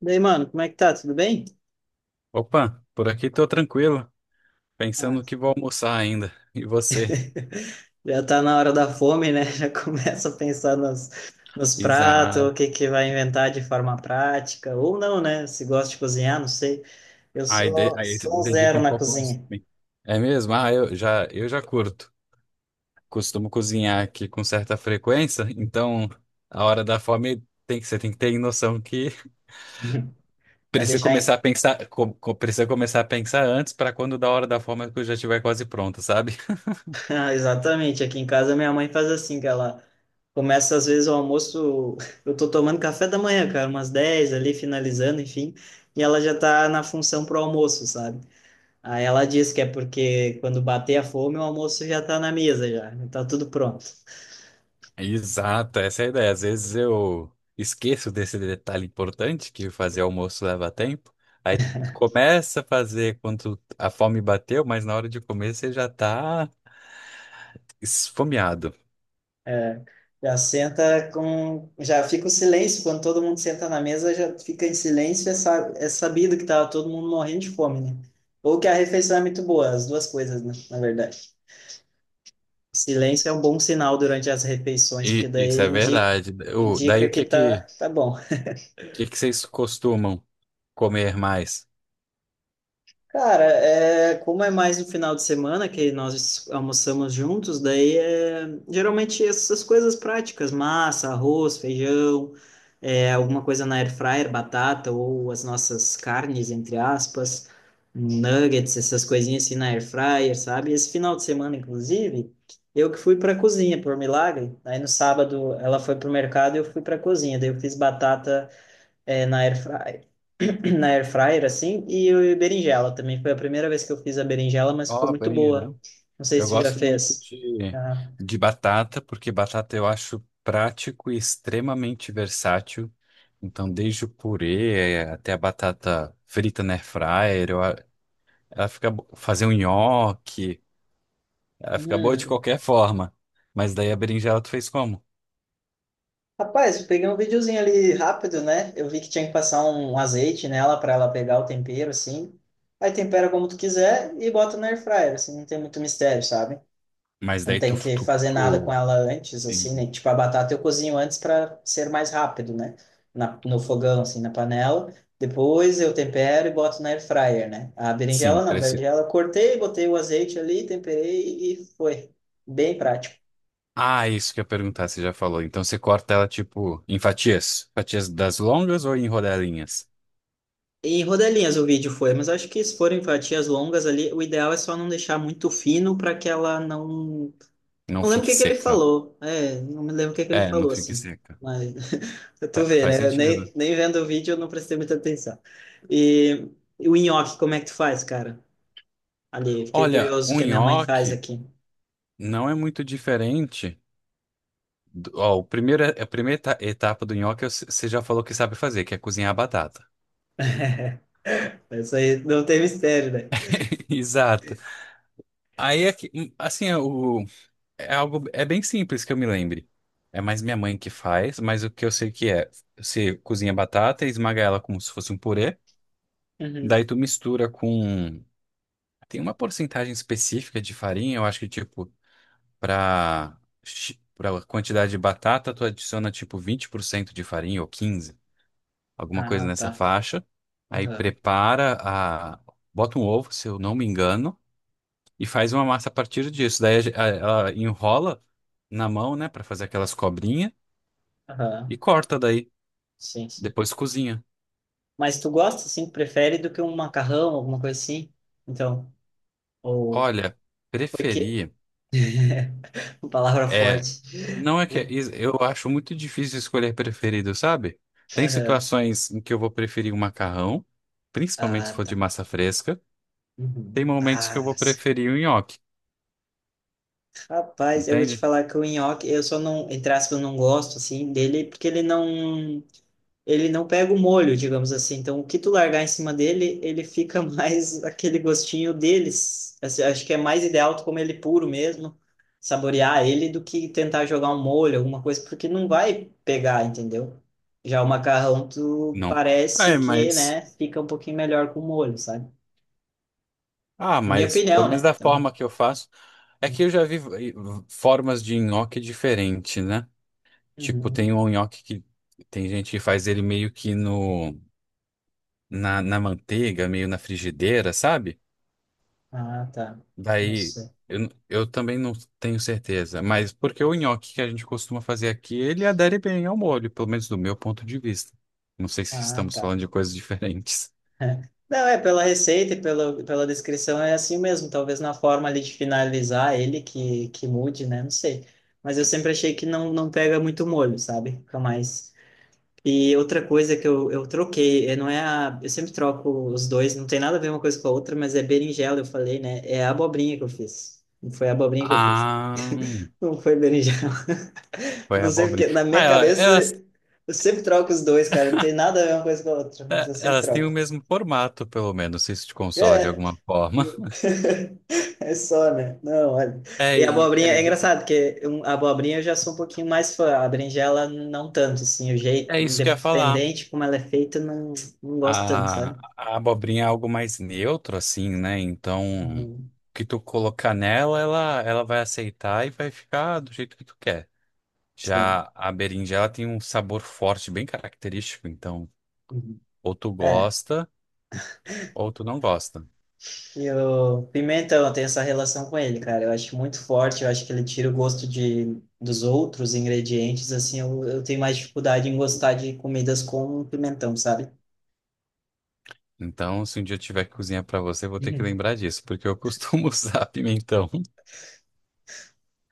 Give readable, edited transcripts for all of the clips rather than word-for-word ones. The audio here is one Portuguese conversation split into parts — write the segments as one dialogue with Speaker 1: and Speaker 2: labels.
Speaker 1: E aí, mano, como é que tá? Tudo bem?
Speaker 2: Opa, por aqui tô tranquilo, pensando
Speaker 1: Ah,
Speaker 2: que vou almoçar ainda. E você?
Speaker 1: já tá na hora da fome, né? Já começa a pensar nos pratos, o
Speaker 2: Exato.
Speaker 1: que que vai inventar de forma prática, ou não, né? Se gosta de cozinhar, não sei. Eu
Speaker 2: Aí,
Speaker 1: sou,
Speaker 2: aí se
Speaker 1: sou um
Speaker 2: dedica
Speaker 1: zero
Speaker 2: um
Speaker 1: na
Speaker 2: pouco mais.
Speaker 1: cozinha.
Speaker 2: Pra mim. É mesmo? Ah, eu já curto. Costumo cozinhar aqui com certa frequência, então a hora da fome você tem que ter noção que
Speaker 1: Pra deixar em...
Speaker 2: precisa começar a pensar antes para quando da hora da fome a coisa já estiver quase pronta, sabe?
Speaker 1: Ah, exatamente, aqui em casa minha mãe faz assim, que ela começa às vezes o almoço, eu tô tomando café da manhã, cara, umas 10 ali, finalizando, enfim, e ela já tá na função pro almoço, sabe? Aí ela disse que é porque quando bater a fome, o almoço já está na mesa já, está tudo pronto.
Speaker 2: Exato, essa é a ideia. Às vezes eu esqueço desse detalhe importante que fazer almoço leva tempo. Aí começa a fazer quando a fome bateu, mas na hora de comer você já tá esfomeado.
Speaker 1: É, já senta com, já fica o silêncio quando todo mundo senta na mesa, já fica em silêncio, é, é sabido que tá todo mundo morrendo de fome, né? Ou que a refeição é muito boa, as duas coisas, né, na verdade. Silêncio é um bom sinal durante as refeições, porque
Speaker 2: E isso
Speaker 1: daí
Speaker 2: é verdade. Daí
Speaker 1: indica
Speaker 2: o
Speaker 1: que
Speaker 2: que que,
Speaker 1: tá, tá bom.
Speaker 2: que que vocês costumam comer mais?
Speaker 1: Cara, é, como é mais no final de semana que nós almoçamos juntos, daí é, geralmente essas coisas práticas, massa, arroz, feijão, é, alguma coisa na air fryer, batata ou as nossas carnes, entre aspas, nuggets, essas coisinhas assim na air fryer, sabe? Esse final de semana, inclusive, eu que fui para cozinha, por milagre. Aí no sábado ela foi pro mercado e eu fui para cozinha, daí eu fiz batata é, na air fryer, na air fryer assim, e berinjela também. Foi a primeira vez que eu fiz a berinjela, mas ficou muito boa.
Speaker 2: Cobrinha.
Speaker 1: Não sei
Speaker 2: Eu
Speaker 1: se tu já
Speaker 2: gosto muito
Speaker 1: fez.
Speaker 2: de,
Speaker 1: Ah.
Speaker 2: de batata, porque batata eu acho prático e extremamente versátil. Então, desde o purê, até a batata frita na air fryer, fazer um nhoque, ela fica boa de
Speaker 1: Uhum.
Speaker 2: qualquer forma. Mas daí a berinjela tu fez como?
Speaker 1: Rapaz, eu peguei um videozinho ali rápido, né? Eu vi que tinha que passar um azeite nela para ela pegar o tempero, assim. Aí tempera como tu quiser e bota na air fryer, assim, não tem muito mistério, sabe?
Speaker 2: Mas
Speaker 1: Não
Speaker 2: daí tu,
Speaker 1: tem que
Speaker 2: tu,
Speaker 1: fazer nada com
Speaker 2: tu
Speaker 1: ela antes, assim, né? Tipo, a batata eu cozinho antes para ser mais rápido, né? Na, no fogão, assim, na panela. Depois eu tempero e boto na air fryer, né? A
Speaker 2: sim,
Speaker 1: berinjela não, a
Speaker 2: parece.
Speaker 1: berinjela eu cortei, botei o azeite ali, temperei e foi. Bem prático.
Speaker 2: Ah, isso que eu ia perguntar, você já falou. Então você corta ela tipo em fatias, fatias das longas ou em rodelinhas?
Speaker 1: Em rodelinhas o vídeo foi, mas acho que se forem fatias longas ali, o ideal é só não deixar muito fino para que ela não.
Speaker 2: Não
Speaker 1: Não lembro o
Speaker 2: fique
Speaker 1: que que ele
Speaker 2: seca.
Speaker 1: falou. É, não me lembro o que que ele
Speaker 2: É, não
Speaker 1: falou,
Speaker 2: fique
Speaker 1: assim.
Speaker 2: seca.
Speaker 1: Mas. Tu vê,
Speaker 2: Faz
Speaker 1: né? Eu
Speaker 2: sentido.
Speaker 1: nem vendo o vídeo eu não prestei muita atenção. E, e o nhoque, como é que tu faz, cara? Ali, fiquei
Speaker 2: Olha,
Speaker 1: curioso o
Speaker 2: o
Speaker 1: que a minha mãe faz
Speaker 2: nhoque
Speaker 1: aqui.
Speaker 2: não é muito diferente. Ó, a primeira etapa do nhoque é o você já falou que sabe fazer, que é cozinhar a batata.
Speaker 1: Isso aí não tem mistério, né?
Speaker 2: Exato. Aí é que, assim, é algo, é bem simples que eu me lembre. É mais minha mãe que faz, mas o que eu sei que é, você cozinha a batata e esmaga ela como se fosse um purê,
Speaker 1: Uhum.
Speaker 2: daí tu mistura com, tem uma porcentagem específica de farinha, eu acho que tipo, Para para quantidade de batata, tu adiciona tipo 20% de farinha ou 15, alguma coisa
Speaker 1: Ah,
Speaker 2: nessa
Speaker 1: tá.
Speaker 2: faixa. Aí
Speaker 1: Aham,
Speaker 2: prepara a bota um ovo, se eu não me engano, e faz uma massa a partir disso. Daí ela enrola na mão, né, para fazer aquelas cobrinhas e
Speaker 1: aham.
Speaker 2: corta daí,
Speaker 1: Sim, sim.
Speaker 2: depois cozinha.
Speaker 1: Mas tu gosta, assim, prefere do que um macarrão, alguma coisa assim? Então, ou...
Speaker 2: Olha,
Speaker 1: Porque...
Speaker 2: preferi
Speaker 1: Palavra forte.
Speaker 2: não é que eu acho muito difícil escolher preferido, sabe? Tem
Speaker 1: Aham.
Speaker 2: situações em que eu vou preferir o macarrão, principalmente se
Speaker 1: Ah,
Speaker 2: for
Speaker 1: tá.
Speaker 2: de massa fresca. Tem
Speaker 1: Uhum.
Speaker 2: momentos que eu
Speaker 1: Ah,
Speaker 2: vou
Speaker 1: sim.
Speaker 2: preferir o nhoque,
Speaker 1: Rapaz, eu vou te
Speaker 2: entende?
Speaker 1: falar que o nhoque, eu só não, entre aspas, não gosto, assim, dele, porque ele não pega o molho, digamos assim. Então, o que tu largar em cima dele, ele fica mais aquele gostinho deles. Assim, acho que é mais ideal tu comer ele puro mesmo, saborear ele, do que tentar jogar um molho, alguma coisa, porque não vai pegar, entendeu? Já o macarrão, tu
Speaker 2: Não. É,
Speaker 1: parece que,
Speaker 2: mas.
Speaker 1: né, fica um pouquinho melhor com molho, sabe?
Speaker 2: Ah,
Speaker 1: Na minha
Speaker 2: mas pelo
Speaker 1: opinião,
Speaker 2: menos
Speaker 1: né?
Speaker 2: da
Speaker 1: Então,
Speaker 2: forma que eu faço. É que eu já vi, formas de nhoque diferente, né? Tipo, tem
Speaker 1: uhum.
Speaker 2: um nhoque que tem gente que faz ele meio que no, na, na manteiga, meio na frigideira, sabe?
Speaker 1: Ah, tá. Não
Speaker 2: Daí,
Speaker 1: sei.
Speaker 2: eu também não tenho certeza, mas porque o nhoque que a gente costuma fazer aqui, ele adere bem ao molho, pelo menos do meu ponto de vista. Não sei se
Speaker 1: Ah,
Speaker 2: estamos
Speaker 1: tá.
Speaker 2: falando de coisas diferentes.
Speaker 1: É. Não, é pela receita pela descrição é assim mesmo. Talvez na forma ali de finalizar ele que mude, né? Não sei. Mas eu sempre achei que não pega muito molho, sabe? Fica mais. E outra coisa que eu troquei, é, não é a. Eu sempre troco os dois, não tem nada a ver uma coisa com a outra, mas é berinjela, eu falei, né? É a abobrinha que eu fiz. Foi a abobrinha que eu fiz.
Speaker 2: Ah,
Speaker 1: Não foi berinjela. Eu
Speaker 2: foi a
Speaker 1: não sei porque,
Speaker 2: abobrinha.
Speaker 1: na
Speaker 2: Ah,
Speaker 1: minha
Speaker 2: ela-
Speaker 1: cabeça,
Speaker 2: elas,
Speaker 1: eu sempre troco os dois, cara. Não tem nada a ver uma coisa com a outra, mas
Speaker 2: é,
Speaker 1: eu sempre
Speaker 2: elas têm o
Speaker 1: troco.
Speaker 2: mesmo formato, pelo menos, se isso te consola de
Speaker 1: É.
Speaker 2: alguma forma.
Speaker 1: É só, né? Não, olha.
Speaker 2: É,
Speaker 1: E a
Speaker 2: e-
Speaker 1: abobrinha,
Speaker 2: é,
Speaker 1: é
Speaker 2: de-
Speaker 1: engraçado, porque a abobrinha eu já sou um pouquinho mais fã, a berinjela não tanto, assim, o jeito,
Speaker 2: é isso que eu ia falar.
Speaker 1: independente como ela é feita, não, não gosto tanto,
Speaker 2: A,
Speaker 1: sabe?
Speaker 2: a abobrinha é algo mais neutro, assim, né? Então, o
Speaker 1: Uhum.
Speaker 2: que tu colocar nela, ela vai aceitar e vai ficar do jeito que tu quer.
Speaker 1: Sim.
Speaker 2: Já a berinjela tem um sabor forte, bem característico. Então,
Speaker 1: Uhum.
Speaker 2: ou tu
Speaker 1: É,
Speaker 2: gosta, ou tu não gosta.
Speaker 1: e o pimentão, eu tenho essa relação com ele, cara, eu acho muito forte, eu acho que ele tira o gosto de, dos outros ingredientes, assim, eu tenho mais dificuldade em gostar de comidas com pimentão, sabe?
Speaker 2: Então, se um dia eu tiver que cozinhar pra você, eu vou ter que
Speaker 1: Uhum.
Speaker 2: lembrar disso, porque eu costumo usar pimentão.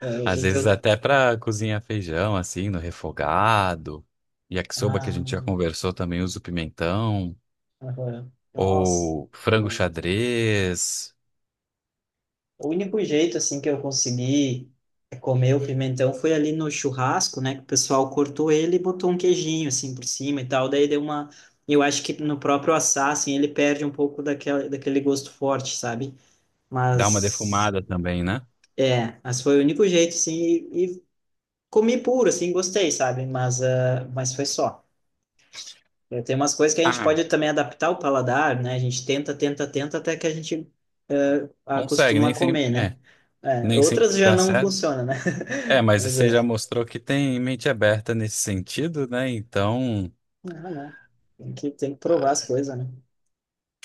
Speaker 1: É, eu
Speaker 2: Às
Speaker 1: eu,
Speaker 2: vezes
Speaker 1: tenho...
Speaker 2: até pra cozinhar feijão, assim, no refogado. Yakisoba, que a
Speaker 1: Ah,
Speaker 2: gente já conversou, também uso pimentão.
Speaker 1: agora, nossa...
Speaker 2: Ou frango xadrez,
Speaker 1: O único jeito, assim, que eu consegui é, comer o pimentão foi ali no churrasco, né? Que o pessoal cortou ele e botou um queijinho, assim, por cima e tal. Daí deu uma... Eu acho que no próprio assar, assim, ele perde um pouco daquele gosto forte, sabe?
Speaker 2: dá uma
Speaker 1: Mas...
Speaker 2: defumada também, né?
Speaker 1: É, mas foi o único jeito, assim, e comi puro, assim, gostei, sabe? Mas, ah, mas foi só. É, tem umas coisas que a gente
Speaker 2: Ah,
Speaker 1: pode também adaptar o paladar, né? A gente tenta até que a gente é,
Speaker 2: consegue,
Speaker 1: acostuma a
Speaker 2: nem
Speaker 1: comer,
Speaker 2: sempre,
Speaker 1: né? É,
Speaker 2: nem
Speaker 1: outras
Speaker 2: sempre
Speaker 1: já
Speaker 2: dá
Speaker 1: não
Speaker 2: certo.
Speaker 1: funcionam, né?
Speaker 2: É, mas
Speaker 1: Mas
Speaker 2: você já
Speaker 1: é,
Speaker 2: mostrou que tem mente aberta nesse sentido, né? Então,
Speaker 1: ah, não. Tem que provar as
Speaker 2: ah,
Speaker 1: coisas, né?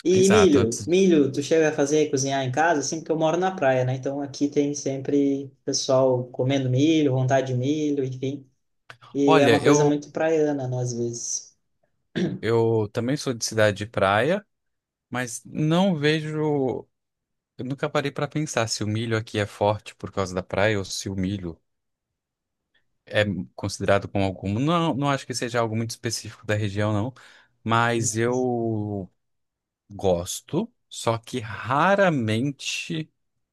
Speaker 1: E
Speaker 2: exato. Antes,
Speaker 1: milho, tu chega a fazer cozinhar em casa, assim, porque eu moro na praia, né? Então aqui tem sempre pessoal comendo milho, vontade de milho, enfim. E é
Speaker 2: olha,
Speaker 1: uma coisa
Speaker 2: eu
Speaker 1: muito praiana, né, às vezes.
Speaker 2: eu também sou de cidade de praia, mas não vejo, eu nunca parei para pensar se o milho aqui é forte por causa da praia ou se o milho é considerado como algum. Não, não acho que seja algo muito específico da região, não. Mas
Speaker 1: Hum.
Speaker 2: eu gosto, só que raramente,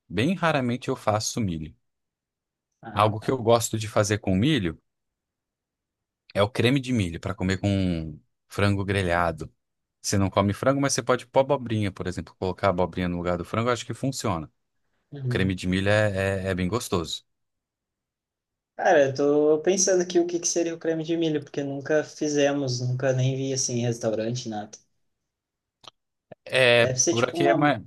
Speaker 2: bem raramente eu faço milho.
Speaker 1: Ah,
Speaker 2: Algo que eu
Speaker 1: tá.
Speaker 2: gosto de fazer com milho é o creme de milho para comer com frango grelhado. Você não come frango, mas você pode pôr abobrinha, por exemplo, colocar a abobrinha no lugar do frango, eu acho que funciona.
Speaker 1: Uhum.
Speaker 2: Creme de milho é bem gostoso.
Speaker 1: Cara, eu tô pensando aqui o que que seria o creme de milho, porque nunca fizemos, nunca nem vi assim em restaurante, nada.
Speaker 2: É,
Speaker 1: Deve ser
Speaker 2: por
Speaker 1: tipo
Speaker 2: aqui é
Speaker 1: uma.
Speaker 2: mais.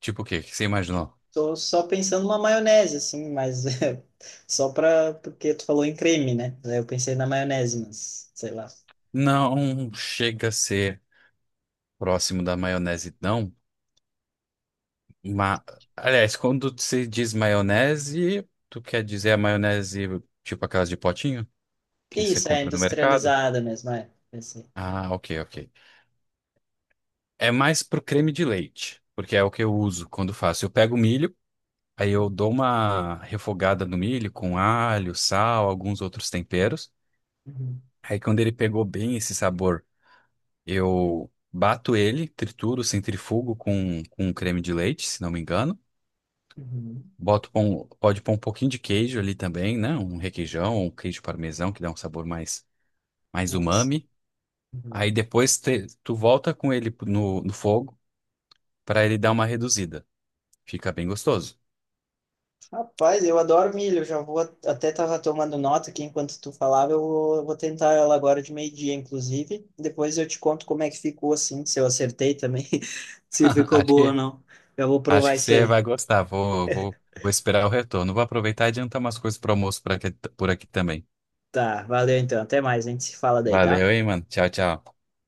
Speaker 2: Tipo o quê? O que você imaginou?
Speaker 1: Tô só pensando uma maionese, assim, mas é, só pra. Porque tu falou em creme, né? Daí eu pensei na maionese, mas sei lá.
Speaker 2: Não chega a ser próximo da maionese, não. Ma... Aliás, quando se diz maionese, tu quer dizer a maionese tipo aquelas de potinho que você
Speaker 1: Isso, é
Speaker 2: compra no mercado?
Speaker 1: industrializada mesmo, é. Pensei.
Speaker 2: Ah, ok, ok. É mais pro creme de leite, porque é o que eu uso quando faço. Eu pego o milho, aí eu dou uma refogada no milho com alho, sal, alguns outros temperos.
Speaker 1: Uhum,
Speaker 2: Aí quando ele pegou bem esse sabor, eu bato ele, trituro, centrifugo com creme de leite, se não me engano.
Speaker 1: uhum.
Speaker 2: Boto, pode pôr um pouquinho de queijo ali também, né? Um requeijão, um queijo parmesão que dá um sabor mais, mais
Speaker 1: Nossa.
Speaker 2: umami. Aí depois tu volta com ele no fogo para ele dar uma reduzida. Fica bem gostoso.
Speaker 1: Rapaz, eu adoro milho. Já vou até tava tomando nota aqui enquanto tu falava. Vou tentar ela agora de meio-dia, inclusive. Depois eu te conto como é que ficou assim, se eu acertei também, se ficou
Speaker 2: Acho
Speaker 1: boa ou
Speaker 2: que,
Speaker 1: não. Eu vou
Speaker 2: acho
Speaker 1: provar
Speaker 2: que
Speaker 1: isso
Speaker 2: você
Speaker 1: aí.
Speaker 2: vai gostar. Vou esperar o retorno. Vou aproveitar e adiantar umas coisas para almoço por aqui também.
Speaker 1: Tá, valeu então. Até mais, a gente se fala daí,
Speaker 2: Valeu,
Speaker 1: tá?
Speaker 2: hein, mano. Tchau, tchau.